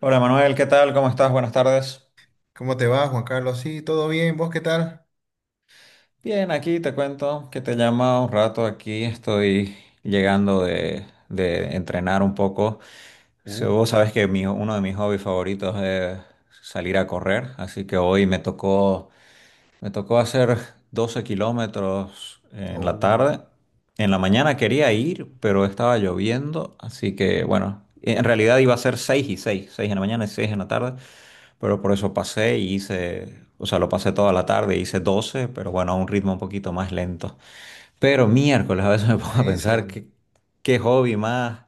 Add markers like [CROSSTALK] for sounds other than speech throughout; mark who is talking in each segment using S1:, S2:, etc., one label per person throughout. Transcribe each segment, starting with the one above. S1: Hola Manuel, ¿qué tal? ¿Cómo estás? Buenas tardes.
S2: ¿Cómo te va, Juan Carlos? Sí, todo bien. ¿Vos qué tal?
S1: Bien, aquí te cuento que te llama un rato aquí. Estoy llegando de entrenar un poco. Si
S2: Uh,
S1: vos sabes que uno de mis hobbies favoritos es salir a correr, así que hoy me tocó, hacer 12 kilómetros en la
S2: oh,
S1: tarde. En la mañana quería ir, pero estaba lloviendo, así que bueno, en realidad iba a ser 6 y 6, 6 en la mañana y 6 en la tarde. Pero por eso pasé y hice, o sea, lo pasé toda la tarde, hice 12, pero bueno, a un ritmo un poquito más lento. Pero miércoles a veces [LAUGHS] me pongo a pensar
S2: buenísimo.
S1: qué hobby más,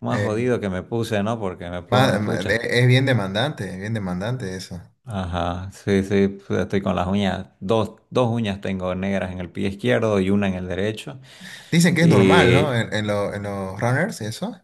S2: Eh,
S1: jodido que me puse, ¿no? Porque me pongo, pucha,
S2: es bien demandante, es bien demandante eso.
S1: ajá, sí, sí, pues, estoy con las uñas, dos uñas tengo negras en el pie izquierdo y una en el derecho.
S2: Dicen que es normal, ¿no?
S1: Y
S2: En los runners, eso.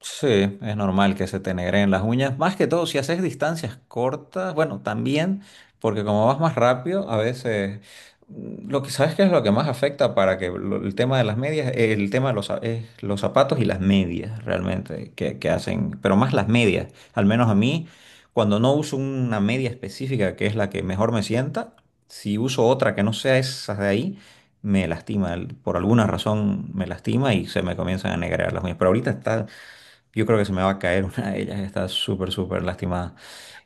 S1: Sí, es normal que se te negreen las uñas. Más que todo, si haces distancias cortas, bueno, también, porque como vas más rápido, a veces lo que sabes que es lo que más afecta para el tema de las medias, el tema de es los zapatos y las medias realmente que hacen, pero más las medias, al menos a mí, cuando no uso una media específica que es la que mejor me sienta, si uso otra que no sea esas de ahí, me lastima, por alguna razón me lastima y se me comienzan a negrear las uñas. Pero ahorita está, yo creo que se me va a caer [LAUGHS] una de ellas, está súper, súper lastimada.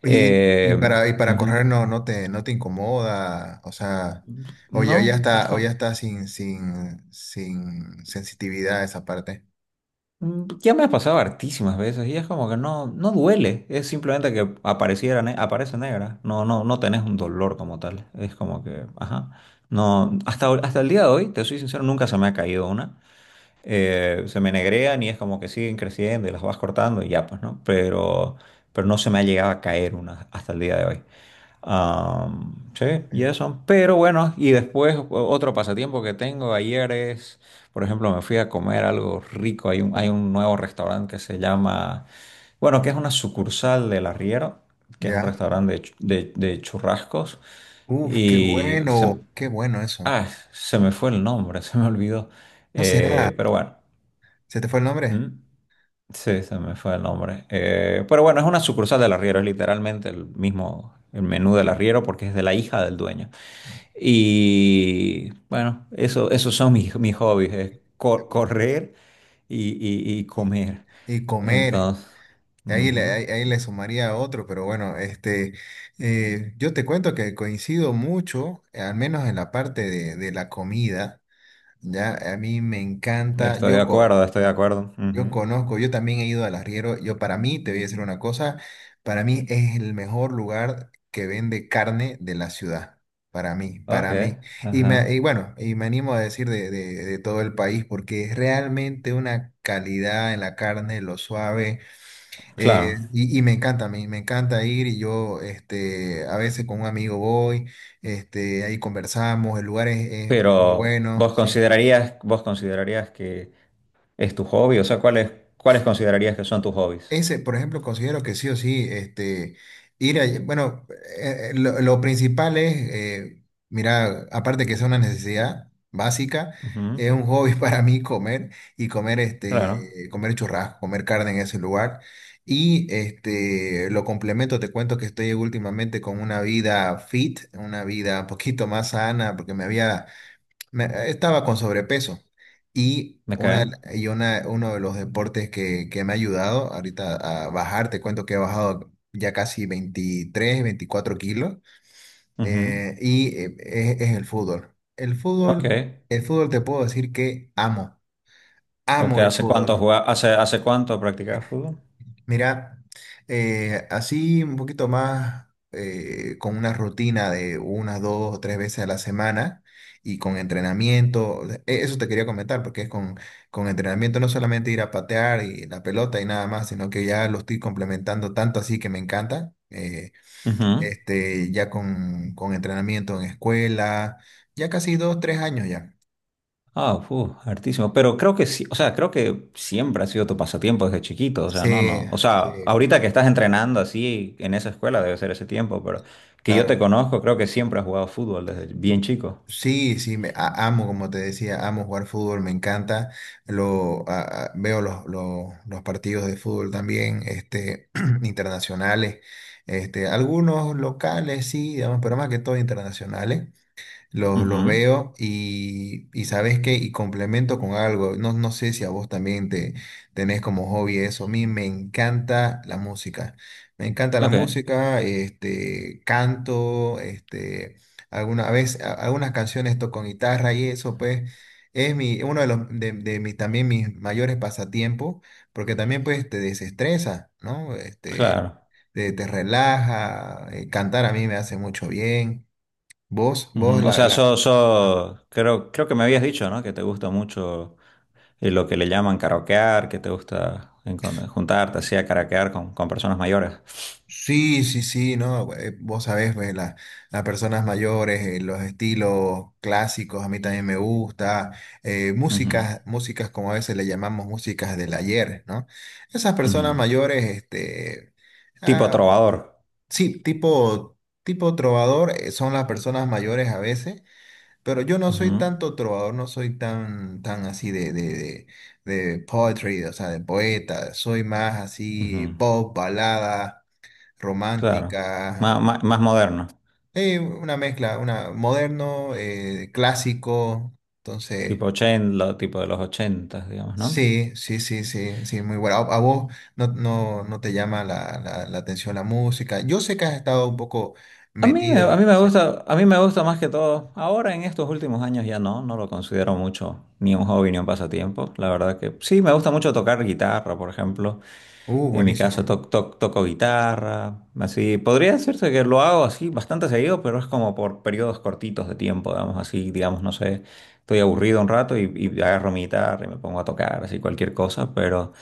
S2: Y, y- y
S1: Eh,
S2: para, y para
S1: ujú.
S2: correr no te incomoda, o sea, o ya, ya
S1: No, es
S2: está, o ya
S1: como...
S2: está sin sensitividad esa parte.
S1: ya me ha pasado hartísimas veces y es como que no, no duele, es simplemente que apareciera, aparece negra, no, no, no tenés un dolor como tal, es como que, ajá, no, hasta, el día de hoy, te soy sincero, nunca se me ha caído una. Se me negrean y es como que siguen creciendo y las vas cortando y ya, pues, ¿no? Pero no se me ha llegado a caer una hasta el día de hoy. Sí,
S2: ¿Eh?
S1: y eso. Pero bueno, y después otro pasatiempo que tengo ayer es, por ejemplo, me fui a comer algo rico. Hay un nuevo restaurante que se llama, bueno, que es una sucursal del Arriero, que es un
S2: ¿Ya?
S1: restaurante de churrascos.
S2: Uf,
S1: Y se,
S2: qué bueno eso.
S1: ah, se me fue el nombre, [LAUGHS] se me olvidó.
S2: ¿No será?
S1: Pero bueno.
S2: ¿Se te fue el
S1: Mm,
S2: nombre?
S1: sí, se me fue el nombre. Pero bueno, es una sucursal del Arriero, es literalmente el mismo el menú del Arriero porque es de la hija del dueño. Y bueno, eso, esos son mis
S2: Ah, bueno.
S1: hobbies, es correr y
S2: Y,
S1: comer.
S2: y comer.
S1: Entonces,
S2: Ahí le,
S1: ujú,
S2: ahí, ahí le sumaría otro, pero bueno, este, yo te cuento que coincido mucho, al menos en la parte de la comida, ya, a mí me encanta,
S1: estoy de acuerdo, estoy de acuerdo.
S2: yo
S1: Ujú.
S2: conozco, yo también he ido al arriero, yo para mí, te voy a decir una cosa, para mí es el mejor lugar que vende carne de la ciudad,
S1: Ok,
S2: para mí,
S1: ajá.
S2: y bueno, y me animo a decir de todo el país, porque es realmente una calidad en la carne, lo suave. Eh,
S1: Claro,
S2: y, y me encanta, me encanta ir y yo este, a veces con un amigo voy, este, ahí conversamos, el lugar es muy
S1: pero
S2: bueno, sí.
S1: vos considerarías que es tu hobby, o sea, ¿cuáles, considerarías que son tus hobbies?
S2: Ese, por ejemplo, considero que sí o sí, este, ir a, bueno, lo principal es, mira, aparte que es una necesidad básica, es
S1: Ujú.
S2: un hobby [LAUGHS] para mí comer y comer,
S1: Claro,
S2: este, comer churrasco, comer carne en ese lugar. Y este, lo complemento, te cuento que estoy últimamente con una vida fit, una vida un poquito más sana, porque me había estaba con sobrepeso y,
S1: me
S2: una, de
S1: cae.
S2: la- y una, uno de los deportes que me ha ayudado ahorita a bajar, te cuento que he bajado ya casi 23 24 kilos.
S1: Ujú.
S2: Es el fútbol.
S1: Ok,
S2: El fútbol te puedo decir que amo,
S1: ok.
S2: amo el
S1: ¿Hace cuánto
S2: fútbol.
S1: hace cuánto practicabas fútbol?
S2: Mira, así un poquito más, con una rutina de unas 2 o 3 veces a la semana y con entrenamiento. Eso te quería comentar porque es con entrenamiento, no solamente ir a patear y la pelota y nada más, sino que ya lo estoy complementando tanto así que me encanta,
S1: Ujú.
S2: este, ya con entrenamiento en escuela, ya casi 2, 3 años ya.
S1: Ah, fu, hartísimo. Pero creo que sí, o sea, creo que siempre ha sido tu pasatiempo desde chiquito, o sea, no,
S2: Sí,
S1: no. O sea,
S2: sí, me-
S1: ahorita que estás entrenando así en esa escuela debe ser ese tiempo, pero que yo
S2: claro.
S1: te conozco, creo que siempre has jugado fútbol desde bien chico.
S2: Sí, sí, amo, como te decía, amo jugar fútbol, me encanta. Veo los partidos de fútbol también, este, [CLEARS THROAT] internacionales, este, algunos locales, sí, digamos, pero más que todo internacionales. Los
S1: Ujú.
S2: veo y sabes qué, y complemento con algo, no, no sé si a vos también te tenés como hobby eso. A mí me encanta la música, me encanta la
S1: Ok,
S2: música, este, canto, este, alguna vez, algunas canciones toco con guitarra y eso pues es uno de mis, también mis mayores pasatiempos, porque también pues te desestresa, ¿no? Este,
S1: claro.
S2: te relaja, cantar a mí me hace mucho bien. Vos, vos
S1: Ujú. O
S2: la,
S1: sea,
S2: la-
S1: creo, que me habías dicho, ¿no? Que te gusta mucho. Y lo que le llaman karaokear, que te gusta juntarte así a karaokear con, personas mayores.
S2: Sí, sí, sí, no, vos sabés, pues, las personas mayores, los estilos clásicos, a mí también me gusta,
S1: Ujú,
S2: músicas, músicas como a veces le llamamos músicas del ayer, ¿no? Esas personas
S1: ujú.
S2: mayores, este,
S1: Tipo
S2: ah,
S1: trovador.
S2: sí, tipo, tipo trovador, son las personas mayores a veces, pero yo no soy
S1: Ujú,
S2: tanto trovador, no soy tan así de poetry, o sea, de poeta, soy más así
S1: ujú.
S2: pop, balada
S1: Claro.
S2: romántica,
S1: Más moderno.
S2: una mezcla, una moderno, clásico. Entonces,
S1: Tipo ochenta, tipo de los 80, digamos, ¿no?
S2: sí, sí, sí, sí, sí, muy bueno. A vos no te llama la atención la música. Yo sé que has estado un poco
S1: A
S2: metido.
S1: mí me
S2: Sí.
S1: gusta, más que todo. Ahora en estos últimos años ya no, no lo considero mucho ni un hobby ni un pasatiempo. La verdad que sí, me gusta mucho tocar guitarra, por ejemplo. En mi caso
S2: Buenísimo.
S1: toco guitarra, así. Podría decirse que lo hago así bastante seguido, pero es como por periodos cortitos de tiempo, digamos así, digamos, no sé, estoy aburrido un rato y agarro mi guitarra y me pongo a tocar, así cualquier cosa, pero,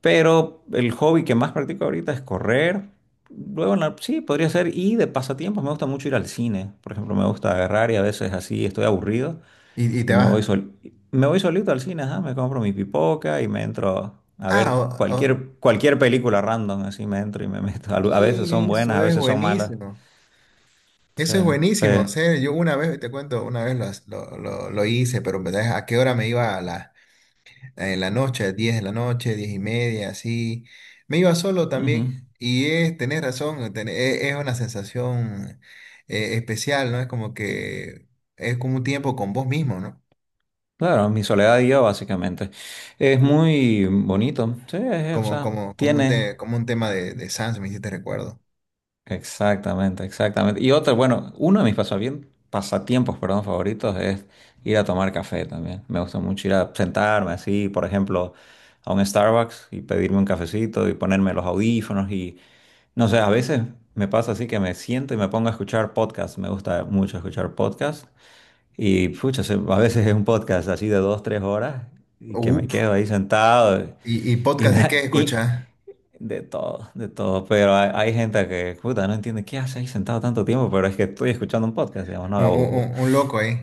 S1: el hobby que más practico ahorita es correr. Luego, sí, podría ser, y de pasatiempos me gusta mucho ir al cine, por ejemplo, me gusta agarrar y a veces así estoy aburrido.
S2: Y
S1: Y
S2: te
S1: me voy
S2: vas.
S1: me voy solito al cine, ajá, me compro mi pipoca y me entro a
S2: Ah,
S1: ver
S2: o- o-
S1: cualquier película random, así me entro y me meto. Al- a veces son buenas,
S2: Eso
S1: a
S2: es
S1: veces son malas.
S2: buenísimo.
S1: Sí,
S2: Eso es buenísimo. O
S1: pe-
S2: sea, yo una vez, te cuento, una vez lo hice, pero en verdad, ¿a qué hora me iba? A las En la noche, diez 10 de la noche, 10:30, así. Me iba solo
S1: ujú.
S2: también. Y es, tenés razón, una sensación especial, ¿no? Es como que es como un tiempo con vos mismo, ¿no?
S1: Claro, mi soledad y yo, básicamente. Es
S2: Uf.
S1: muy bonito. Sí, es, o sea, tiene.
S2: Como un tema de Sans, me hiciste recuerdo.
S1: Exactamente, exactamente. Y otro, bueno, uno de mis pasatiempos, perdón, favoritos es ir a tomar café también. Me gusta mucho ir a sentarme así, por ejemplo, a un Starbucks y pedirme un cafecito y ponerme los audífonos y no sé, a veces me pasa así que me siento y me pongo a escuchar podcasts. Me gusta mucho escuchar podcasts y pucha, a veces es un podcast así de 2, 3 horas y que me
S2: Uf.
S1: quedo ahí sentado
S2: ¿Y
S1: y,
S2: podcast de qué
S1: na- y
S2: escuchás?
S1: de todo, pero hay, gente que, puta, no entiende qué hace ahí sentado tanto tiempo, pero es que estoy escuchando un podcast, digamos, no,
S2: Un, un- un- un loco ahí.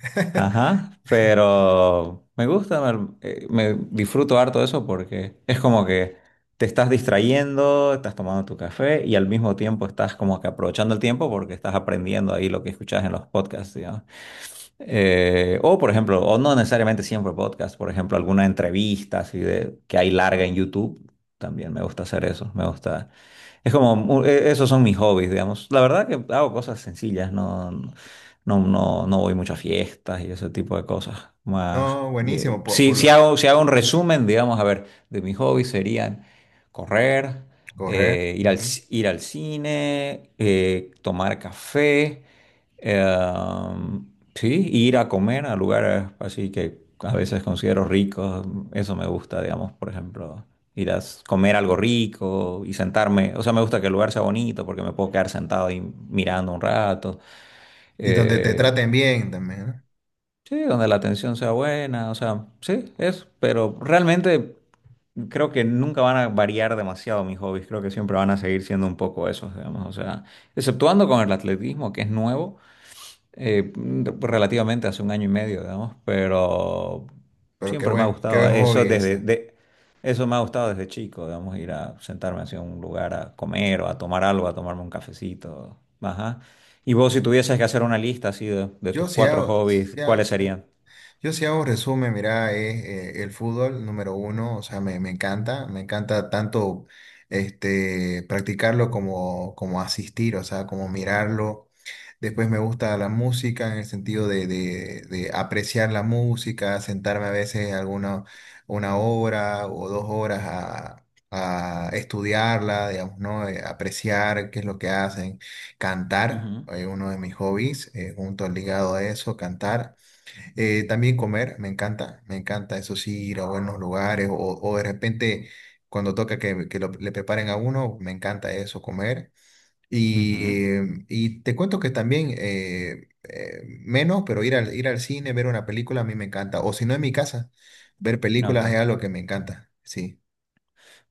S2: [LAUGHS]
S1: ajá, pero me gusta, me, me disfruto harto de eso porque es como que te estás distrayendo, estás tomando tu café y al mismo tiempo estás como que aprovechando el tiempo porque estás aprendiendo ahí lo que escuchas en los podcasts, o, por ejemplo, o no necesariamente siempre podcast, por ejemplo, alguna entrevista así de, que hay larga en YouTube. También me gusta hacer eso. Me gusta. Es como, esos son mis hobbies, digamos. La verdad que hago cosas sencillas, no, no, no, voy mucho a fiestas y ese tipo de cosas. Más,
S2: No, buenísimo.
S1: si hago, un
S2: Ujú.
S1: resumen, digamos, a ver, de mis hobbies serían correr,
S2: Correr.
S1: ir
S2: Ujú.
S1: ir al cine, tomar café. Em, sí, ir a comer a lugares así que a veces considero ricos, eso me gusta, digamos, por ejemplo, ir a comer algo rico y sentarme, o sea, me gusta que el lugar sea bonito porque me puedo quedar sentado ahí mirando un rato,
S2: Y donde te
S1: eh,
S2: traten bien también, ¿no?
S1: sí, donde la atención sea buena, o sea, sí, es, pero realmente creo que nunca van a variar demasiado mis hobbies, creo que siempre van a seguir siendo un poco esos, digamos, o sea, exceptuando con el atletismo, que es nuevo, eh, relativamente hace un año y medio, digamos, pero
S2: Pero
S1: siempre me ha
S2: qué
S1: gustado
S2: buen
S1: eso
S2: hobby ese.
S1: eso me ha gustado desde chico, digamos, ir a sentarme hacia un lugar a comer o a tomar algo, a tomarme un cafecito, ajá. Y vos, si tuvieses que hacer una lista así de,
S2: Yo
S1: tus
S2: si
S1: cuatro
S2: hago,
S1: hobbies,
S2: si hago-
S1: ¿cuáles
S2: si hago-
S1: serían?
S2: yo si hago resumen, mira, es el fútbol número uno, o sea, me encanta, me encanta tanto este, practicarlo como, como asistir, o sea, como mirarlo. Después me gusta la música en el sentido de apreciar la música, sentarme a veces alguna 1 hora o 2 horas a estudiarla, digamos, ¿no? Apreciar qué es lo que hacen. Cantar,
S1: Ujú,
S2: uno de mis hobbies, junto ligado a eso, cantar. También comer, me encanta eso sí, ir a buenos lugares o de repente cuando toca que le preparen a uno, me encanta eso, comer.
S1: ujú.
S2: Y, y te cuento que también, menos, pero ir al cine, ver una película a mí me encanta. O si no en mi casa, ver películas es
S1: Ok.
S2: algo que me encanta. Sí,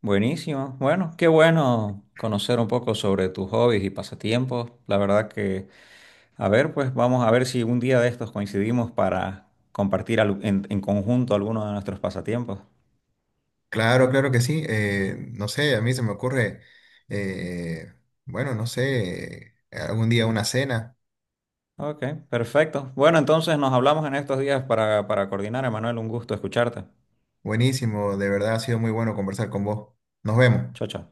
S1: Buenísimo. Bueno, qué bueno conocer un poco sobre tus hobbies y pasatiempos. La verdad que, a ver, pues vamos a ver si un día de estos coincidimos para compartir en, conjunto alguno de nuestros pasatiempos.
S2: claro, claro que sí. No sé, a mí se me ocurre, eh, bueno, no sé, algún día una cena.
S1: Ok, perfecto. Bueno, entonces nos hablamos en estos días para coordinar, Emanuel. Un gusto escucharte.
S2: Buenísimo, de verdad ha sido muy bueno conversar con vos. Nos vemos.
S1: Chao, chao.